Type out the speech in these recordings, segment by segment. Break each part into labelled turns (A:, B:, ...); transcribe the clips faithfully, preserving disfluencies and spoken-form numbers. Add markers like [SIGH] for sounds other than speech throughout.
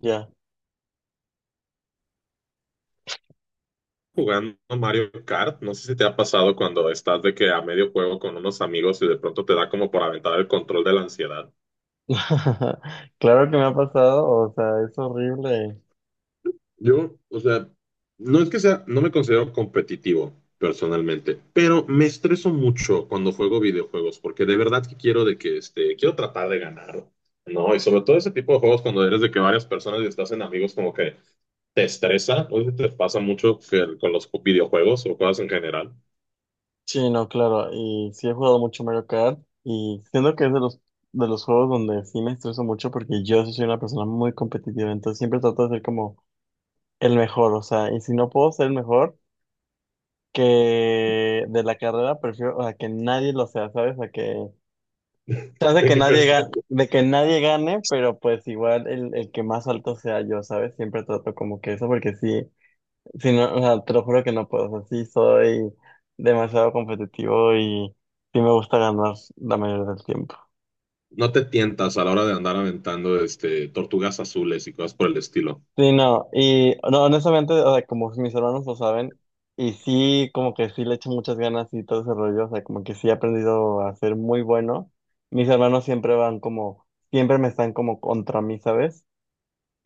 A: Ya.
B: Jugando Mario Kart. No sé si te ha pasado cuando estás de que a medio juego con unos amigos y de pronto te da como por aventar el control de la ansiedad.
A: [LAUGHS] Claro que me ha pasado, o sea, es horrible.
B: Yo, o sea, no es que sea, no me considero competitivo personalmente, pero me estreso mucho cuando juego videojuegos, porque de verdad que quiero de que, este, quiero tratar de ganar. No, y sobre todo ese tipo de juegos cuando eres de que varias personas y estás en amigos como que te estresa, o te pasa mucho que- con los videojuegos o cosas en general.
A: Sí, no, claro, y sí he jugado mucho Mario Kart y siento que es de los de los juegos donde sí me estreso mucho porque yo sí soy una persona muy competitiva, entonces siempre trato de ser como el mejor, o sea, y si no puedo ser el mejor que de la carrera, prefiero o sea que nadie lo sea, ¿sabes? A que chance
B: De
A: que
B: que, pero
A: nadie gane, de que nadie gane, pero pues igual el, el que más alto sea yo, ¿sabes? Siempre trato como que eso porque sí. Sí, no, o sea, te lo juro que no puedo. O sea, sí soy demasiado competitivo y sí me gusta ganar la mayoría del tiempo.
B: no te tientas a la hora de andar aventando este, tortugas azules y cosas por el estilo.
A: Sí, no, y no, honestamente, o sea, como mis hermanos lo saben, y sí, como que sí le echo muchas ganas y todo ese rollo, o sea, como que sí he aprendido a ser muy bueno. Mis hermanos siempre van como, siempre me están como contra mí, ¿sabes?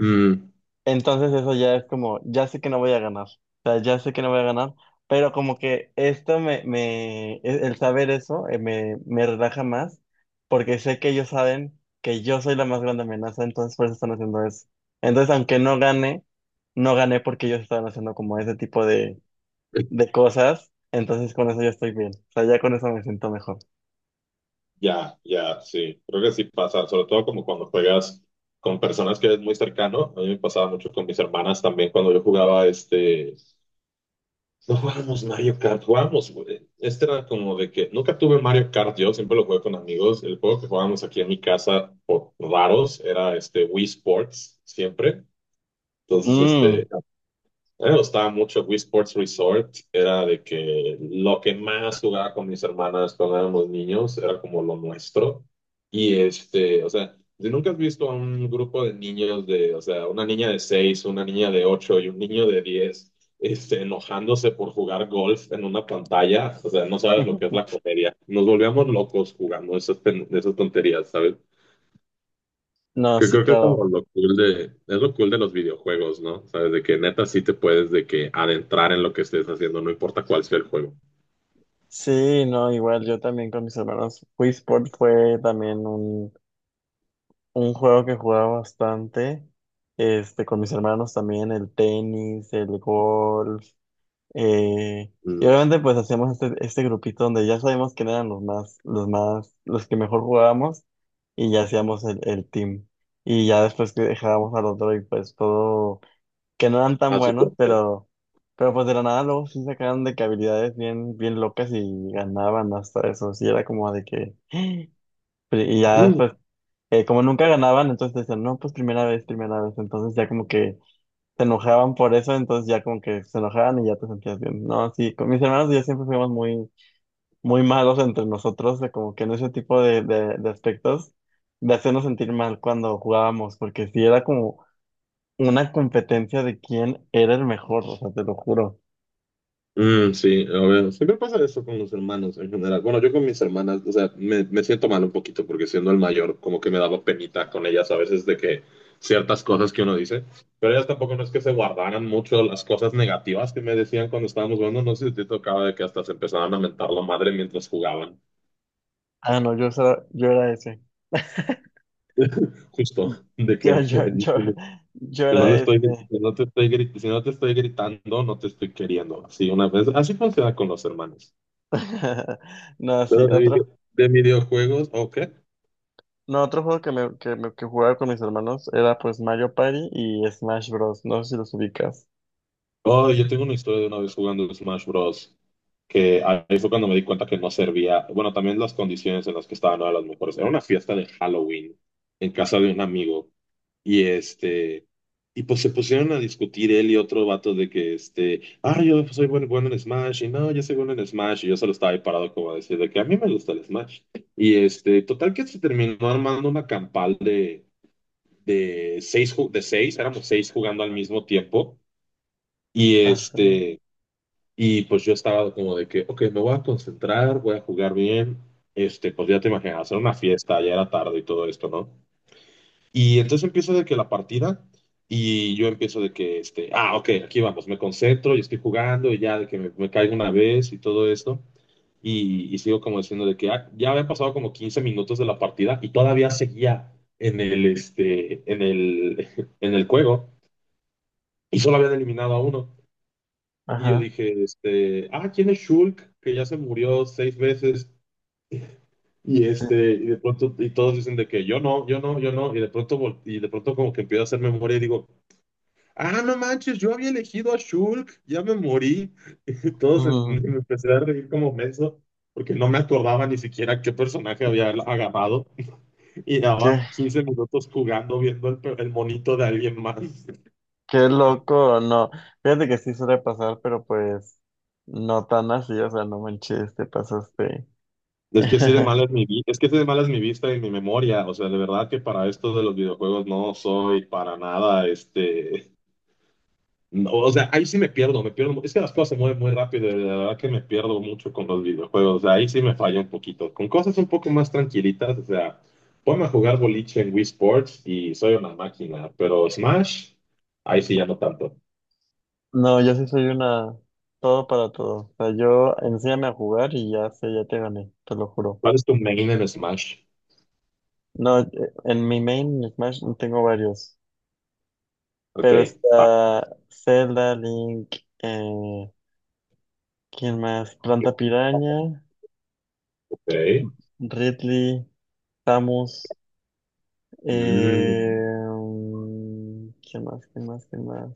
B: Mm.
A: Entonces eso ya es como, ya sé que no voy a ganar, o sea, ya sé que no voy a ganar, pero como que esto me, me, el el saber eso eh, me, me relaja más, porque sé que ellos saben que yo soy la más grande amenaza, entonces por eso están haciendo eso. Entonces, aunque no gane, no gané porque ellos estaban haciendo como ese tipo de, de cosas, entonces con eso ya estoy bien, o sea, ya con eso me siento mejor.
B: Ya, ya, sí. Creo que sí pasa, sobre todo como cuando juegas con personas que eres muy cercano. A mí me pasaba mucho con mis hermanas también cuando yo jugaba este... No jugábamos Mario Kart, jugábamos... güey. Este era como de que nunca tuve Mario Kart, yo siempre lo jugué con amigos. El juego que jugábamos aquí en mi casa por raros era este Wii Sports, siempre. Entonces, este,
A: Mm.
B: a mí me gustaba mucho Wii Sports Resort. Era de que lo que más jugaba con mis hermanas cuando éramos niños era como lo nuestro. Y este, o sea, si nunca has visto a un grupo de niños de, o sea, una niña de seis, una niña de ocho y un niño de diez este, enojándose por jugar golf en una pantalla, o sea, no sabes lo que es la
A: [LAUGHS]
B: comedia. Nos volvíamos locos jugando esas, pen- esas tonterías, ¿sabes?
A: No,
B: Que
A: sí,
B: creo que es como
A: claro.
B: lo cool de, es lo cool de los videojuegos, ¿no? Sabes, de que neta sí te puedes de que adentrar en lo que estés haciendo, no importa cuál sea el juego.
A: Sí, no, igual yo también con mis hermanos. Wii Sport fue también un Un juego que jugaba bastante, este, con mis hermanos también, el tenis, el golf, eh, y
B: Mm.
A: obviamente pues hacíamos este, este grupito donde ya sabíamos quién eran los más, los más, los que mejor jugábamos, y ya hacíamos el, el team. Y ya después que dejábamos al otro y pues todo, que no eran tan
B: A su
A: buenos,
B: suerte.
A: pero, pero pues de la nada luego sí sacaban de que habilidades bien, bien locas y ganaban hasta eso, sí era como de que, y ya después eh, como nunca ganaban, entonces decían, no, pues primera vez, primera vez. Entonces ya como que se enojaban por eso, entonces ya como que se enojaban y ya te sentías bien. No, sí, con mis hermanos y yo siempre fuimos muy, muy malos entre nosotros, de como que en ese tipo de, de, de aspectos, de hacernos sentir mal cuando jugábamos, porque sí era como una competencia de quién era el mejor, o sea, te lo juro.
B: Mm, sí, a ver, siempre pasa eso con los hermanos en general. Bueno, yo con mis hermanas, o sea, me, me siento mal un poquito porque siendo el mayor, como que me daba penita con ellas a veces de que ciertas cosas que uno dice, pero ellas tampoco no es que se guardaran mucho las cosas negativas que me decían cuando estábamos jugando. No sé si te tocaba de que hasta se empezaban a mentar la madre mientras jugaban,
A: Ah, no, yo, era- yo era ese.
B: justo, de
A: [LAUGHS] Yo,
B: que
A: yo, yo,
B: [LAUGHS]
A: yo
B: si no
A: era
B: le estoy,
A: este.
B: si no te estoy, gri- si no te estoy gritando, no te estoy queriendo. Así una vez, así funciona con los hermanos.
A: [LAUGHS] No, sí,
B: Pero de,
A: otro.
B: video- de videojuegos, ok.
A: No, otro juego que, me, que, me- que jugaba con mis hermanos era pues Mario Party y Smash Bros. No sé si los ubicas.
B: Oh, yo tengo una historia de una vez jugando Smash Bros. Que ahí fue cuando me di cuenta que no servía. Bueno, también las condiciones en las que estaban no eran las mejores. Era una fiesta de Halloween en casa de un amigo, y este y pues se pusieron a discutir él y otro vato de que este, ah, yo soy bueno, bueno en Smash y no, yo soy bueno en Smash y yo solo estaba ahí parado como a decir de que a mí me gusta el Smash. Y este, total que se terminó armando una campal de de seis ju- de seis, éramos seis jugando al mismo tiempo, y
A: Ajá,
B: este y pues yo estaba como de que, ok, me voy a concentrar, voy a jugar bien. Este, pues ya te imaginas, hacer una fiesta, ya era tarde y todo esto, ¿no? Y entonces empiezo de que la partida, y yo empiezo de que, este, ah, ok, aquí vamos, me concentro y estoy jugando, y ya de que me, me caigo una vez y todo esto. Y, y sigo como diciendo de que ah, ya habían pasado como quince minutos de la partida y todavía seguía en el, este, en el, [LAUGHS] en el juego, y solo habían eliminado a uno. Y yo
A: ajá.
B: dije, este, ah, ¿quién es Shulk? Que ya se murió seis veces. Y
A: Sí.
B: este, y de pronto, y todos dicen de que yo no, yo no, yo no. Y de pronto, vol- y de pronto como que empiezo a hacer memoria y digo, ah, no manches, yo había elegido a Shulk, ya me morí. [LAUGHS] Y todos se- me
A: Ujú.
B: empecé a reír como menso, porque no me acordaba ni siquiera qué personaje había agarrado. [LAUGHS] Y
A: Qué,
B: daba quince minutos jugando, viendo el, pe- el monito de alguien más.
A: qué loco, no. Fíjate que sí suele pasar, pero pues no tan así, o sea, no manches, te pasaste.
B: Es que sí
A: [LAUGHS]
B: de mala es mi vi- es que sí de mala es mi vista y mi memoria. O sea, de verdad que para esto de los videojuegos no soy para nada, este, no, o sea, ahí sí me pierdo, me pierdo. mu- Es que las cosas se mueven muy rápido, y de verdad que me pierdo mucho con los videojuegos. O sea, ahí sí me falla un poquito. Con cosas un poco más tranquilitas, o sea, ponme a jugar boliche en Wii Sports y soy una máquina, pero Smash, ahí sí ya no tanto.
A: No, yo sí soy una todo para todo. O sea, yo enséñame a jugar y ya sé, ya te gané, te lo juro.
B: ¿Cuál es tu main en Smash?
A: No, eh, en mi main Smash tengo varios,
B: Ok,
A: pero
B: va,
A: está Zelda, Link, eh, ¿quién más? Planta Piraña,
B: ok.
A: Ridley, Samus,
B: Mm.
A: eh, mm, ¿quién más? ¿Quién más? ¿Quién más?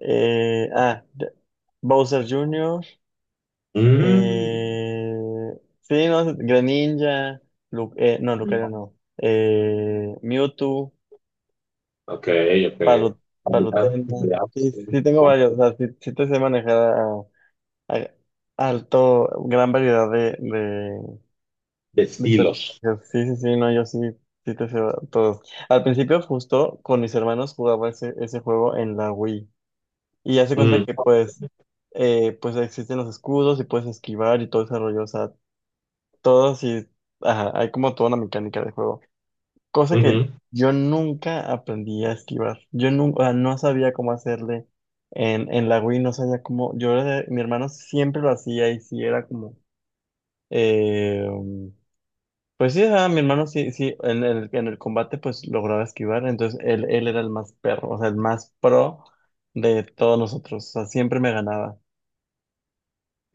A: Eh, ah, de- Bowser junior,
B: Mm.
A: eh, sí, no, Greninja, Lu- eh, no, Lucario
B: Mm.
A: no, eh, Mewtwo,
B: Ok, ok.
A: Palo, Palutena,
B: Variedad, variedad, sí.
A: sí, sí tengo varios, o sea, sí, sí te sé manejar a, a- alto, gran variedad de,
B: De
A: De personajes.
B: estilos.
A: Sí, sí, sí, no, yo sí, sí te sé todos. Al principio justo con mis hermanos jugaba ese, ese juego en la Wii y ya se cuenta
B: Mm.
A: que pues, eh, pues existen los escudos y puedes esquivar y todo ese rollo, o sea, todos y, ajá, hay como toda una mecánica de juego. Cosa que
B: Ujú.
A: yo nunca aprendí a esquivar, yo nunca, no sabía cómo hacerle en, en la Wii, no sabía cómo, yo era de- mi hermano siempre lo hacía y sí era como. Eh, pues sí, ajá, mi hermano sí, sí, en el, en el combate pues lograba esquivar, entonces él, él era el más perro, o sea, el más pro de todos nosotros, o sea, siempre me ganaba.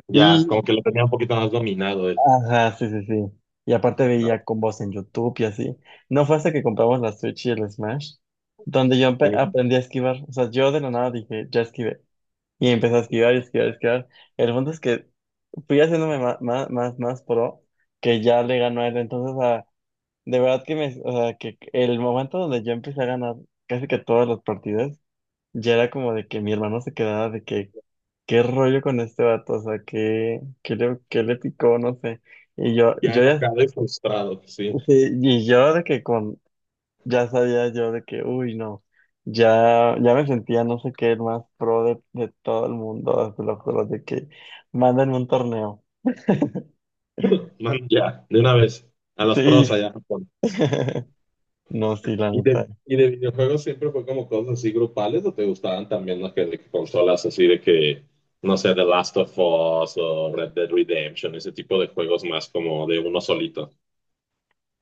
B: Ya,
A: Y,
B: como que lo tenía un poquito más dominado él.
A: ajá, sí, sí, sí. Y aparte
B: ¿No?
A: veía combos en YouTube y así. No fue hasta que compramos la Switch y el Smash, donde yo empe-
B: Mm.
A: aprendí a esquivar, o sea, yo de la nada dije, ya esquivé. Y empecé a esquivar y esquivar y esquivar. El punto es que fui haciéndome más, más, más, más pro, que ya le ganó a él, entonces. De verdad que me, o sea, que el momento donde yo empecé a ganar casi que todas las partidas, ya era como de que mi hermano se quedaba de que, ¿qué rollo con este vato? O sea, ¿qué, qué le, qué le picó? No sé. Y yo,
B: Ya
A: yo ya,
B: enojado y frustrado, sí.
A: sí, y yo de que con, ya sabía yo de que, uy, no, ya, ya me sentía no sé qué, el más pro de, de todo el mundo, ah, te lo juro, de que mandan un torneo.
B: [LAUGHS] Man, ya, de una vez. A las pros
A: Sí.
B: allá, a Japón.
A: [LAUGHS] No, sí, la
B: ¿Y de,
A: neta.
B: y de videojuegos siempre fue como cosas así grupales o te gustaban también las que, de que consolas así de que, no sé, The Last of Us o Red Dead Redemption, ese tipo de juegos más como de uno solito?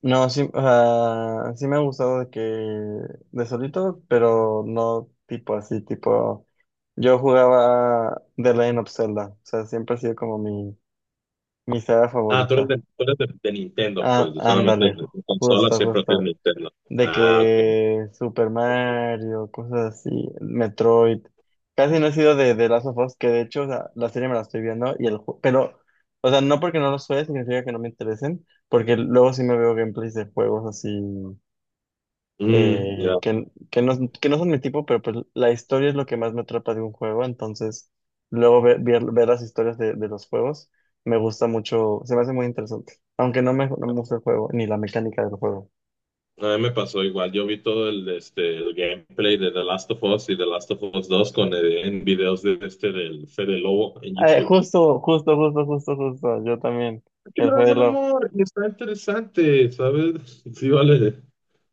A: No, sí, o sea, sí me ha gustado de que de solito, pero no tipo así, tipo yo jugaba The Legend of Zelda, o sea, siempre ha sido como mi, mi saga
B: Ah, tú eres
A: favorita.
B: de, tú eres de, de Nintendo,
A: Ah,
B: pues, solamente
A: ándale,
B: de de consola
A: justo,
B: siempre has sido
A: justo.
B: Nintendo.
A: De
B: Ah, ok.
A: que Super Mario, cosas así, Metroid. Casi no he sido de de Last of Us, que de hecho, o sea, la serie me la estoy viendo y el ju- pero, o sea, no porque no los juegue significa que no me interesen, porque luego sí me veo gameplays de juegos así
B: Mm,
A: eh,
B: ya.
A: que, que no, que no son mi tipo, pero pues la historia es lo que más me atrapa de un juego, entonces luego ver, ver, ver las historias de, de los juegos me gusta mucho, se me hace muy interesante, aunque no me, no me gusta el juego, ni la mecánica del juego.
B: A mí me pasó igual. Yo vi todo el, este, el gameplay de The Last of Us y The Last of Us dos con, eh, en videos de este del Fede Lobo en
A: Eh,
B: YouTube.
A: justo, justo, justo, justo, justo, yo también,
B: Que me
A: el
B: da
A: Fede
B: buen
A: Lobo.
B: humor y está interesante, ¿sabes? [LAUGHS] Sí, vale,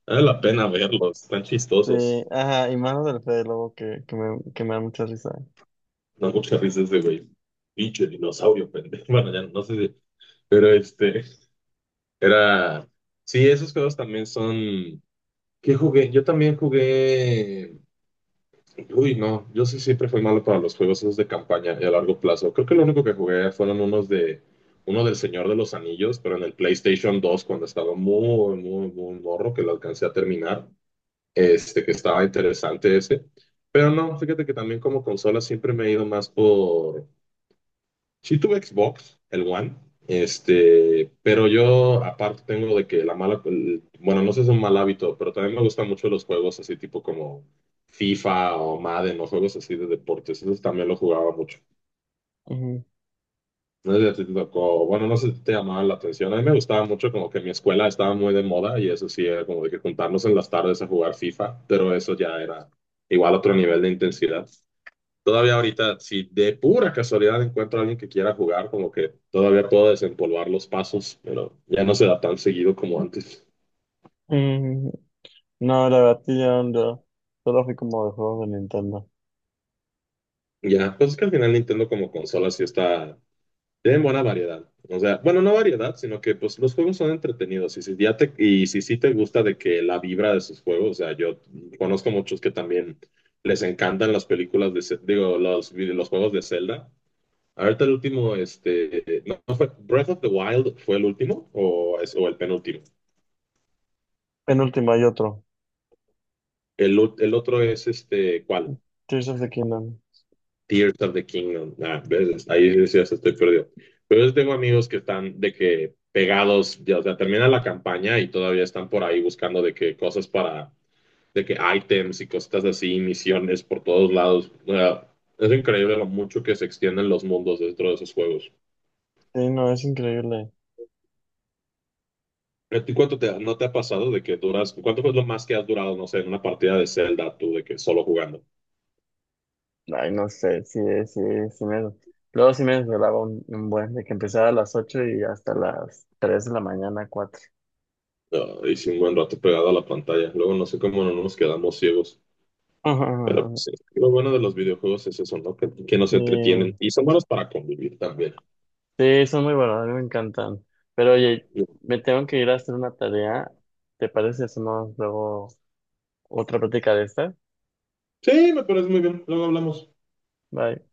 B: vale la pena verlos. Están
A: Sí,
B: chistosos.
A: ajá, y mano del Fede Lobo que, que me, que me da mucha risa.
B: No, muchas risas de güey. Pinche dinosaurio, pendejo. [LAUGHS] Bueno, ya no sé si. Pero este. Era, sí, esos juegos también son, ¿qué jugué? Yo también jugué, uy, no, yo sí siempre fui malo para los juegos esos de campaña y a largo plazo. Creo que lo único que jugué fueron unos de, uno del Señor de los Anillos, pero en el PlayStation dos cuando estaba muy, muy, muy morro que lo alcancé a terminar, este, que estaba interesante ese. Pero no, fíjate que también como consola siempre me he ido más por sí tuve Xbox, el One, este, pero yo aparte tengo de que la mala, el- bueno, no sé si es un mal hábito, pero también me gustan mucho los juegos así tipo como FIFA o Madden o juegos así de deportes, esos también lo jugaba mucho.
A: Ujú.
B: No sé si a ti te tocó, bueno, no sé si te llamaban la atención, a mí me gustaba mucho como que mi escuela estaba muy de moda y eso sí era como de que juntarnos en las tardes a jugar FIFA, pero eso ya era igual otro nivel de intensidad. Todavía ahorita, si de pura casualidad encuentro a alguien que quiera jugar, como que todavía puedo desempolvar los pasos, pero ya no se da tan seguido como antes.
A: Mm, No, la verdad, sí, yo no, solo fui como de juegos de Nintendo.
B: Ya, pues es que al final Nintendo como consola sí está, tiene buena variedad. O sea, bueno, no variedad, sino que pues los juegos son entretenidos. Y si ya te, y si sí te gusta de que la vibra de sus juegos, o sea, yo conozco muchos que también les encantan las películas de, Ce- digo, los, vide- los juegos de Zelda. Ahorita el último, este, no, no fue Breath of the Wild fue el último o, es- o el penúltimo.
A: Penúltima hay otro,
B: El, ul- el otro es este, ¿cuál?
A: Tears of the Kingdom.
B: Tears of the Kingdom. Ah, ves, ahí decías, estoy perdido. Pero yo tengo amigos que están de que pegados, ya, o sea, termina la campaña y todavía están por ahí buscando de que cosas para, de que items y cositas así, misiones por todos lados. O sea, es increíble lo mucho que se extienden los mundos dentro de esos juegos.
A: Sí, no, es increíble.
B: ¿A ti cuánto te, no te ha pasado de que duras, cuánto fue lo más que has durado, no sé, en una partida de Zelda, tú, de que solo jugando?
A: Ay, no sé, sí, sí, sí me. Luego sí me desvelaba un, un buen, de que empezaba a las ocho y hasta las tres de la mañana, cuatro.
B: Ah, hice un buen rato pegado a la pantalla. Luego no sé cómo no nos quedamos ciegos. Pero
A: [LAUGHS]
B: pues, sí, lo bueno de los videojuegos es eso, ¿no? Que, que nos
A: Sí,
B: entretienen y son buenos para convivir también.
A: sí, son muy buenos, a mí me encantan. Pero oye, me tengo que ir a hacer una tarea. ¿Te parece si hacemos luego otra práctica de esta?
B: Sí, me parece muy bien. Luego hablamos.
A: Bye.